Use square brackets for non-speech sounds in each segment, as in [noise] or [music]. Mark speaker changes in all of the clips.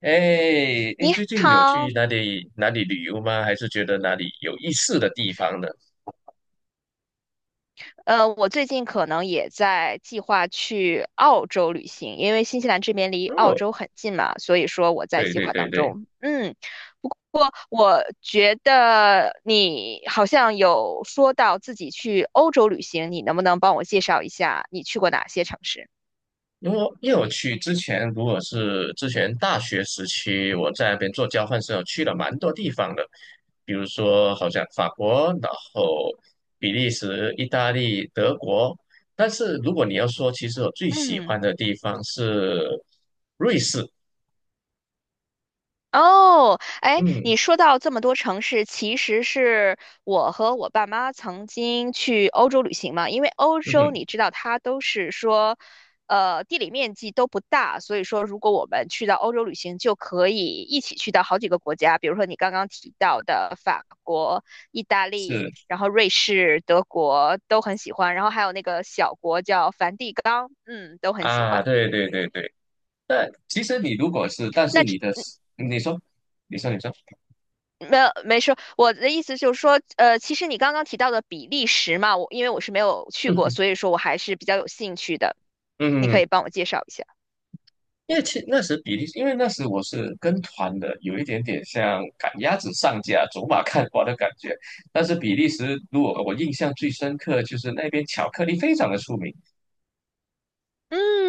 Speaker 1: 哎，你
Speaker 2: 你
Speaker 1: 最近有去
Speaker 2: 好，
Speaker 1: 哪里哪里旅游吗？还是觉得哪里有意思的地方呢？
Speaker 2: 我最近可能也在计划去澳洲旅行，因为新西兰这边离澳
Speaker 1: 哦，
Speaker 2: 洲很近嘛，所以说我在
Speaker 1: 对
Speaker 2: 计
Speaker 1: 对
Speaker 2: 划
Speaker 1: 对
Speaker 2: 当
Speaker 1: 对，
Speaker 2: 中。嗯，不过我觉得你好像有说到自己去欧洲旅行，你能不能帮我介绍一下你去过哪些城市？
Speaker 1: 因为我去之前，如果是之前大学时期，我在那边做交换生，我去了蛮多地方的，比如说好像法国，然后比利时、意大利、德国。但是如果你要说，其实我最喜
Speaker 2: 嗯。
Speaker 1: 欢的地方是瑞士。
Speaker 2: 哦，哎，
Speaker 1: 嗯
Speaker 2: 你说到这么多城市，其实是我和我爸妈曾经去欧洲旅行嘛。因为欧
Speaker 1: 嗯
Speaker 2: 洲
Speaker 1: 哼，
Speaker 2: 你知道，它都是说，地理面积都不大，所以说如果我们去到欧洲旅行，就可以一起去到好几个国家，比如说你刚刚提到的法国、意大利，
Speaker 1: 是
Speaker 2: 然后瑞士、德国都很喜欢，然后还有那个小国叫梵蒂冈，嗯，都很喜
Speaker 1: 啊，
Speaker 2: 欢。
Speaker 1: 对对对对。那其实你如果是，但是你
Speaker 2: 那
Speaker 1: 的，你说，你说，你说，
Speaker 2: 没有，没说。我的意思就是说，其实你刚刚提到的比利时嘛，我因为我是没有
Speaker 1: [laughs]
Speaker 2: 去过，
Speaker 1: 嗯，
Speaker 2: 所以说我还是比较有兴趣的。你可
Speaker 1: 嗯，
Speaker 2: 以帮我介绍一下。
Speaker 1: 因为那时比利时，因为那时我是跟团的，有一点点像赶鸭子上架、走马看花的感觉。但是比利时，如果我印象最深刻，就是那边巧克力非常的出名。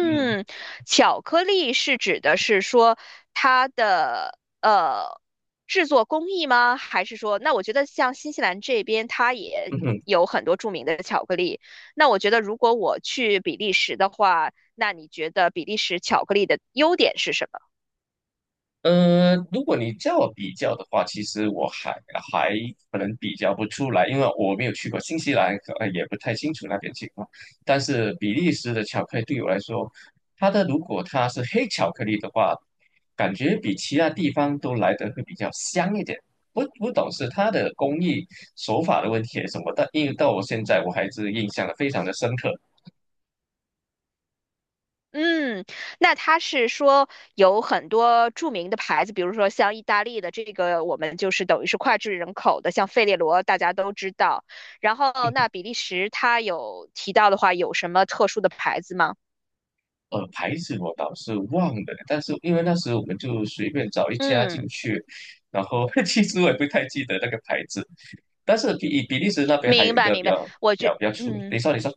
Speaker 1: 嗯
Speaker 2: 巧克力是指的是说它的制作工艺吗？还是说，那我觉得像新西兰这边，它也
Speaker 1: [laughs]，
Speaker 2: 有很多著名的巧克力。那我觉得如果我去比利时的话，那你觉得比利时巧克力的优点是什么？
Speaker 1: 如果你叫我比较的话，其实我还可能比较不出来，因为我没有去过新西兰，也不太清楚那边情况。但是比利时的巧克力对我来说，如果它是黑巧克力的话，感觉比其他地方都来得会比较香一点。不懂是它的工艺手法的问题还是什么，但因为到我现在我还是印象的非常的深刻。
Speaker 2: 嗯，那它是说有很多著名的牌子，比如说像意大利的这个，我们就是等于是脍炙人口的，像费列罗大家都知道。然后那比利时它有提到的话，有什么特殊的牌子吗？
Speaker 1: 牌子我倒是忘了，但是因为那时候我们就随便找一家进
Speaker 2: 嗯，
Speaker 1: 去，然后 [laughs] 其实我也不太记得那个牌子，但是比利时那边还有
Speaker 2: 明
Speaker 1: 一
Speaker 2: 白
Speaker 1: 个比
Speaker 2: 明白，
Speaker 1: 较
Speaker 2: 我
Speaker 1: 比
Speaker 2: 觉
Speaker 1: 较比较出名。你
Speaker 2: 嗯。
Speaker 1: 说，你说，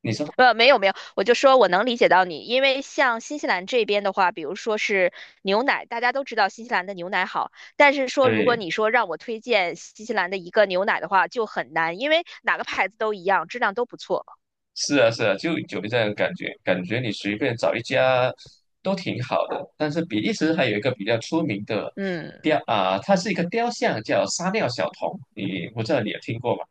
Speaker 1: 你说，
Speaker 2: 没有，我就说我能理解到你，因为像新西兰这边的话，比如说是牛奶，大家都知道新西兰的牛奶好，但是说如果
Speaker 1: 对，
Speaker 2: 你说让我推荐新西兰的一个牛奶的话，就很难，因为哪个牌子都一样，质量都不错。
Speaker 1: 是啊，是啊，就有这样的感觉，感觉你随便找一家都挺好的。但是比利时还有一个比较出名的
Speaker 2: 嗯，
Speaker 1: 它是一个雕像，叫撒尿小童，我不知道你有听过吗？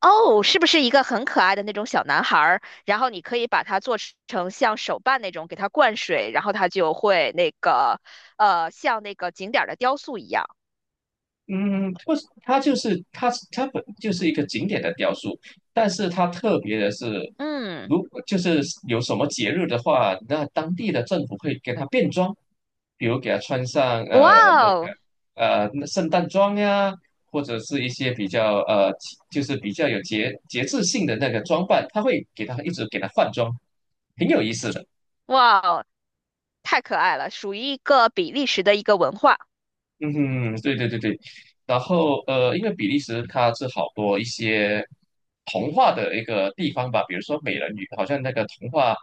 Speaker 2: 哦，是不是一个很可爱的那种小男孩儿？然后你可以把它做成像手办那种，给它灌水，然后它就会那个，像那个景点儿的雕塑一样。
Speaker 1: 嗯，不是，它本就是一个景点的雕塑，但是它特别的是，
Speaker 2: 嗯，
Speaker 1: 如果就是有什么节日的话，那当地的政府会给它变装，比如给它穿上
Speaker 2: 哇
Speaker 1: 呃那个
Speaker 2: 哦。
Speaker 1: 呃那圣诞装呀，或者是一些比较比较有节制性的那个装扮，它会给它一直给它换装，挺有意思的。
Speaker 2: 哇哦，太可爱了，属于一个比利时的一个文化，
Speaker 1: 嗯哼，对对对对，然后因为比利时它是好多一些童话的一个地方吧，比如说美人鱼，好像那个童话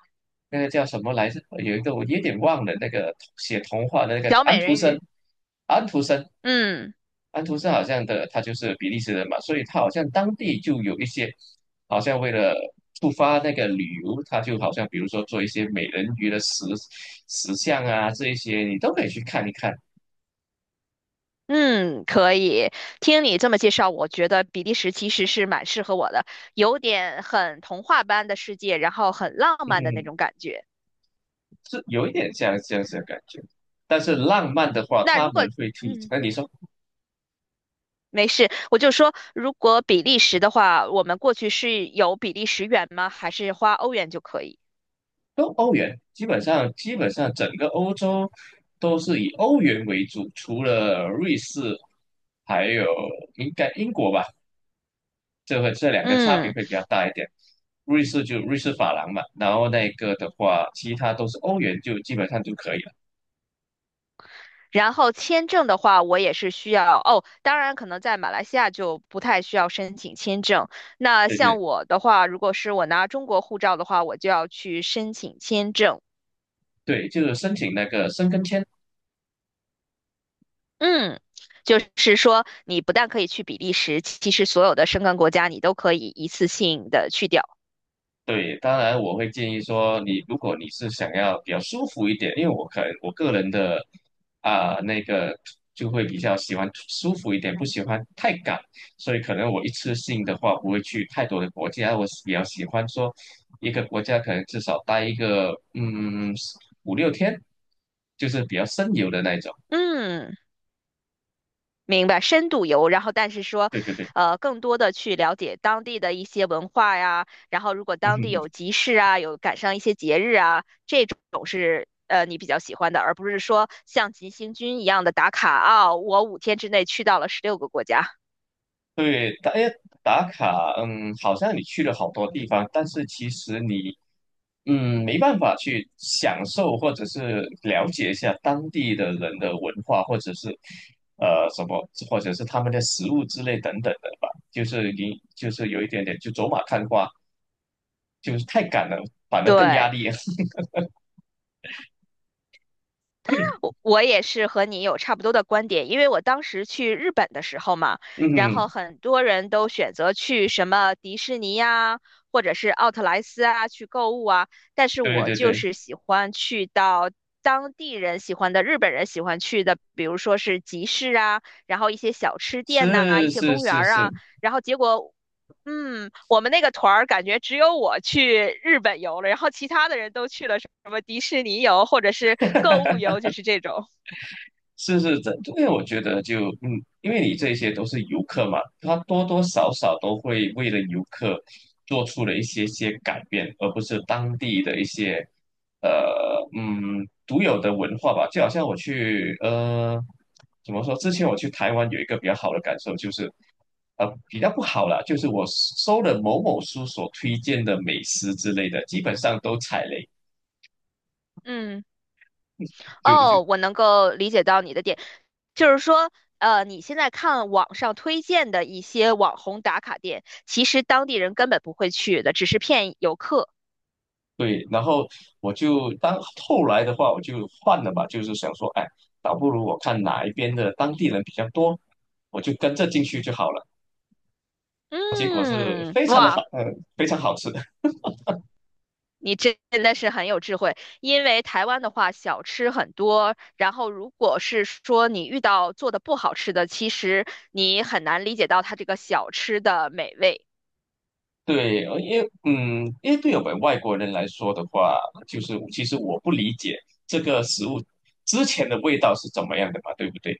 Speaker 1: 那个叫什么来着？有一个我有点忘了，那个写童话的那个
Speaker 2: 小
Speaker 1: 安
Speaker 2: 美
Speaker 1: 徒
Speaker 2: 人
Speaker 1: 生，
Speaker 2: 鱼。
Speaker 1: 安徒生，
Speaker 2: 嗯
Speaker 1: 好像他就是比利时人嘛，所以他好像当地就有一些，好像为了触发那个旅游，他就好像比如说做一些美人鱼的石像啊，这一些你都可以去看一看。
Speaker 2: 嗯，可以。听你这么介绍，我觉得比利时其实是蛮适合我的，有点很童话般的世界，然后很浪
Speaker 1: 嗯
Speaker 2: 漫的那
Speaker 1: 哼。
Speaker 2: 种
Speaker 1: 嗯
Speaker 2: 感觉。
Speaker 1: 是有一点像这样子的感觉。但是浪漫的话，
Speaker 2: 那
Speaker 1: 他
Speaker 2: 如果
Speaker 1: 们会推。
Speaker 2: 嗯。
Speaker 1: 那你说，
Speaker 2: 没事，我就说，如果比利时的话，我们过去是有比利时元吗？还是花欧元就可以？
Speaker 1: 都欧元，基本上整个欧洲都是以欧元为主，除了瑞士，还有应该英国吧，这两个差别
Speaker 2: 嗯。
Speaker 1: 会比较大一点。瑞士就瑞士法郎嘛，然后那个的话，其他都是欧元，就基本上就可以了。
Speaker 2: 然后签证的话，我也是需要哦。当然，可能在马来西亚就不太需要申请签证。那
Speaker 1: 对
Speaker 2: 像
Speaker 1: 对
Speaker 2: 我的话，如果是我拿中国护照的话，我就要去申请签证。
Speaker 1: 对，就是申请那个申根签。
Speaker 2: 嗯，就是说你不但可以去比利时，其实所有的申根国家你都可以一次性的去掉。
Speaker 1: 对，当然我会建议说你，如果你是想要比较舒服一点，因为我可能我个人的啊、那个就会比较喜欢舒服一点，不喜欢太赶，所以可能我一次性的话不会去太多的国家，我比较喜欢说一个国家可能至少待一个嗯五六天，就是比较深游的那一种。
Speaker 2: 嗯。明白，深度游，然后但是说，
Speaker 1: 对对对，[laughs]
Speaker 2: 更多的去了解当地的一些文化呀，然后如果
Speaker 1: 哼
Speaker 2: 当地有
Speaker 1: 哼。
Speaker 2: 集市啊，有赶上一些节日啊，这种是你比较喜欢的，而不是说像急行军一样的打卡啊，我5天之内去到了16个国家。
Speaker 1: 对，打卡，嗯，好像你去了好多地方，但是其实你，没办法去享受或者是了解一下当地的人的文化，或者是什么，或者是他们的食物之类等等的吧。就是你就是有一点点就走马看花，就是太赶了，反而更压
Speaker 2: 对。
Speaker 1: 力。[laughs]
Speaker 2: 我也是和你有差不多的观点，因为我当时去日本的时候嘛，然后
Speaker 1: 嗯，
Speaker 2: 很多人都选择去什么迪士尼呀、或者是奥特莱斯啊去购物啊，但是
Speaker 1: 对
Speaker 2: 我
Speaker 1: 对
Speaker 2: 就
Speaker 1: 对，
Speaker 2: 是喜欢去到当地人喜欢的、日本人喜欢去的，比如说是集市啊，然后一些小吃店呐、一
Speaker 1: 是
Speaker 2: 些
Speaker 1: 是
Speaker 2: 公园
Speaker 1: 是
Speaker 2: 儿
Speaker 1: 是，
Speaker 2: 啊，然后结果。嗯，我们那个团儿感觉只有我去日本游了，然后其他的人都去了什么迪士尼游或者是购物游，就是这种。
Speaker 1: 是是这，因为我觉得因为你这些都是游客嘛，他多多少少都会为了游客做出了一些些改变，而不是当地的一些呃独有的文化吧。就好像怎么说，之前我去台湾有一个比较好的感受就是，比较不好啦，就是我搜了某某书所推荐的美食之类的，基本上都踩雷。
Speaker 2: 嗯，
Speaker 1: 就就
Speaker 2: 哦，我能够理解到你的点，就是说，你现在看网上推荐的一些网红打卡店，其实当地人根本不会去的，只是骗游客。
Speaker 1: 对，然后我就当后来的话，我就换了吧，就是想说，哎，倒不如我看哪一边的当地人比较多，我就跟着进去就好了。我是
Speaker 2: 嗯，
Speaker 1: 非常的好，
Speaker 2: 哇，
Speaker 1: 嗯，非常好吃的。
Speaker 2: 你真的是很有智慧，因为台湾的话，小吃很多，然后如果是说你遇到做的不好吃的，其实你很难理解到它这个小吃的美味。
Speaker 1: 对，因为对我们外国人来说的话，就是其实我不理解这个食物之前的味道是怎么样的嘛，对不对？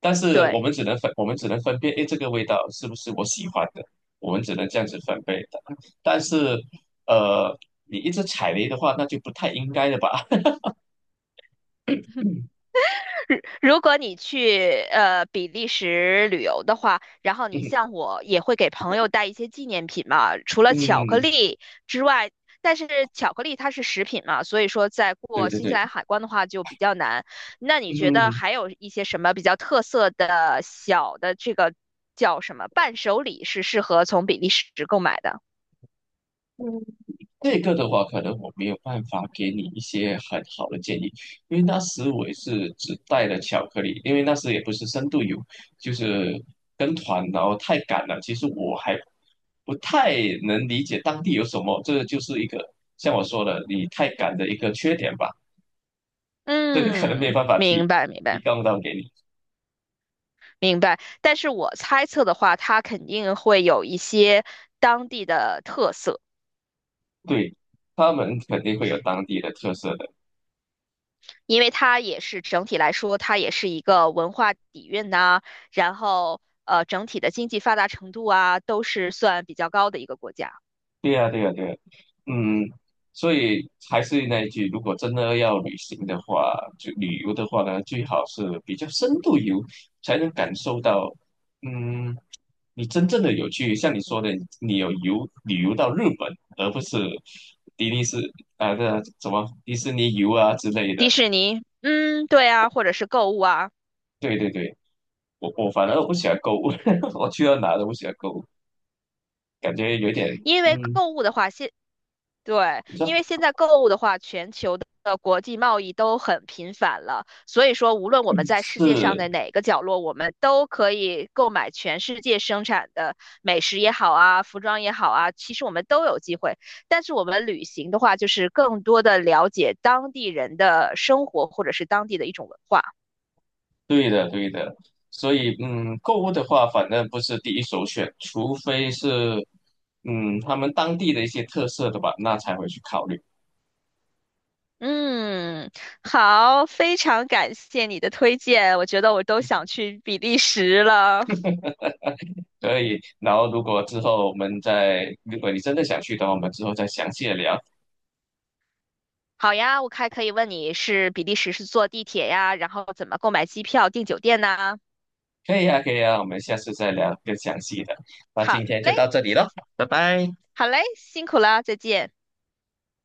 Speaker 1: 但是我
Speaker 2: 对。
Speaker 1: 们只能分，我们只能分辨，诶，这个味道是不是我喜欢的？我们只能这样子分辨的。但是，呃，你一直踩雷的话，那就不太应该了吧？[laughs]
Speaker 2: [laughs] 如果你去比利时旅游的话，然后你
Speaker 1: 嗯
Speaker 2: 像我也会给朋友带一些纪念品嘛，除了巧克
Speaker 1: 嗯，
Speaker 2: 力之外，但是巧克力它是食品嘛，所以说在
Speaker 1: 对
Speaker 2: 过
Speaker 1: 对
Speaker 2: 新西
Speaker 1: 对，
Speaker 2: 兰海关的话就比较难。那你觉得
Speaker 1: 嗯。
Speaker 2: 还有一些什么比较特色的小的这个叫什么伴手礼是适合从比利时购买的？
Speaker 1: 这个的话，可能我没有办法给你一些很好的建议，因为那时我也是只带了巧克力，因为那时也不是深度游，就是跟团，然后太赶了。其实我还不太能理解当地有什么，这就是一个像我说的，你太赶的一个缺点吧。这个可能没有
Speaker 2: 嗯，
Speaker 1: 办法
Speaker 2: 明
Speaker 1: 提
Speaker 2: 白明
Speaker 1: 提
Speaker 2: 白。
Speaker 1: 供到给你，
Speaker 2: 明白，但是我猜测的话，它肯定会有一些当地的特色，
Speaker 1: 对，他们肯定会有当地的特色的。
Speaker 2: 因为它也是整体来说，它也是一个文化底蕴呐、然后整体的经济发达程度啊，都是算比较高的一个国家。
Speaker 1: 对呀，对呀，对呀。嗯，所以还是那一句，如果真的要旅行的话，就旅游的话呢，最好是比较深度游，才能感受到，嗯，你真正的有去，像你说的，你有旅游到日本，而不是迪士尼是啊的什么迪士尼游啊之类
Speaker 2: 迪
Speaker 1: 的。
Speaker 2: 士尼，嗯，对啊，或者是购物啊。
Speaker 1: 对对对，我反而不喜欢购物，[laughs] 我去到哪都不喜欢购物，感觉有点
Speaker 2: 因为
Speaker 1: 嗯，
Speaker 2: 购物的话，现对，
Speaker 1: 你知
Speaker 2: 因
Speaker 1: 道
Speaker 2: 为现在购物的话，全球的国际贸易都很频繁了，所以说无论我们在世界上
Speaker 1: 是。
Speaker 2: 的哪个角落，我们都可以购买全世界生产的美食也好啊，服装也好啊，其实我们都有机会。但是我们旅行的话，就是更多的了解当地人的生活或者是当地的一种文化。
Speaker 1: 对的，对的，所以购物的话，反正不是第一首选，除非是他们当地的一些特色的吧，那才会去考虑。
Speaker 2: 嗯，好，非常感谢你的推荐，我觉得我都想去比利时了。
Speaker 1: 所以，然后如果之后我们再，如果你真的想去的话，我们之后再详细的聊。
Speaker 2: 好呀，我还可以问你是比利时是坐地铁呀，然后怎么购买机票、订酒店呢？
Speaker 1: 可以啊，可以啊，我们下次再聊更详细的。那
Speaker 2: 好
Speaker 1: 今天就
Speaker 2: 嘞，
Speaker 1: 到这里了，拜拜。
Speaker 2: 好嘞，辛苦了，再见。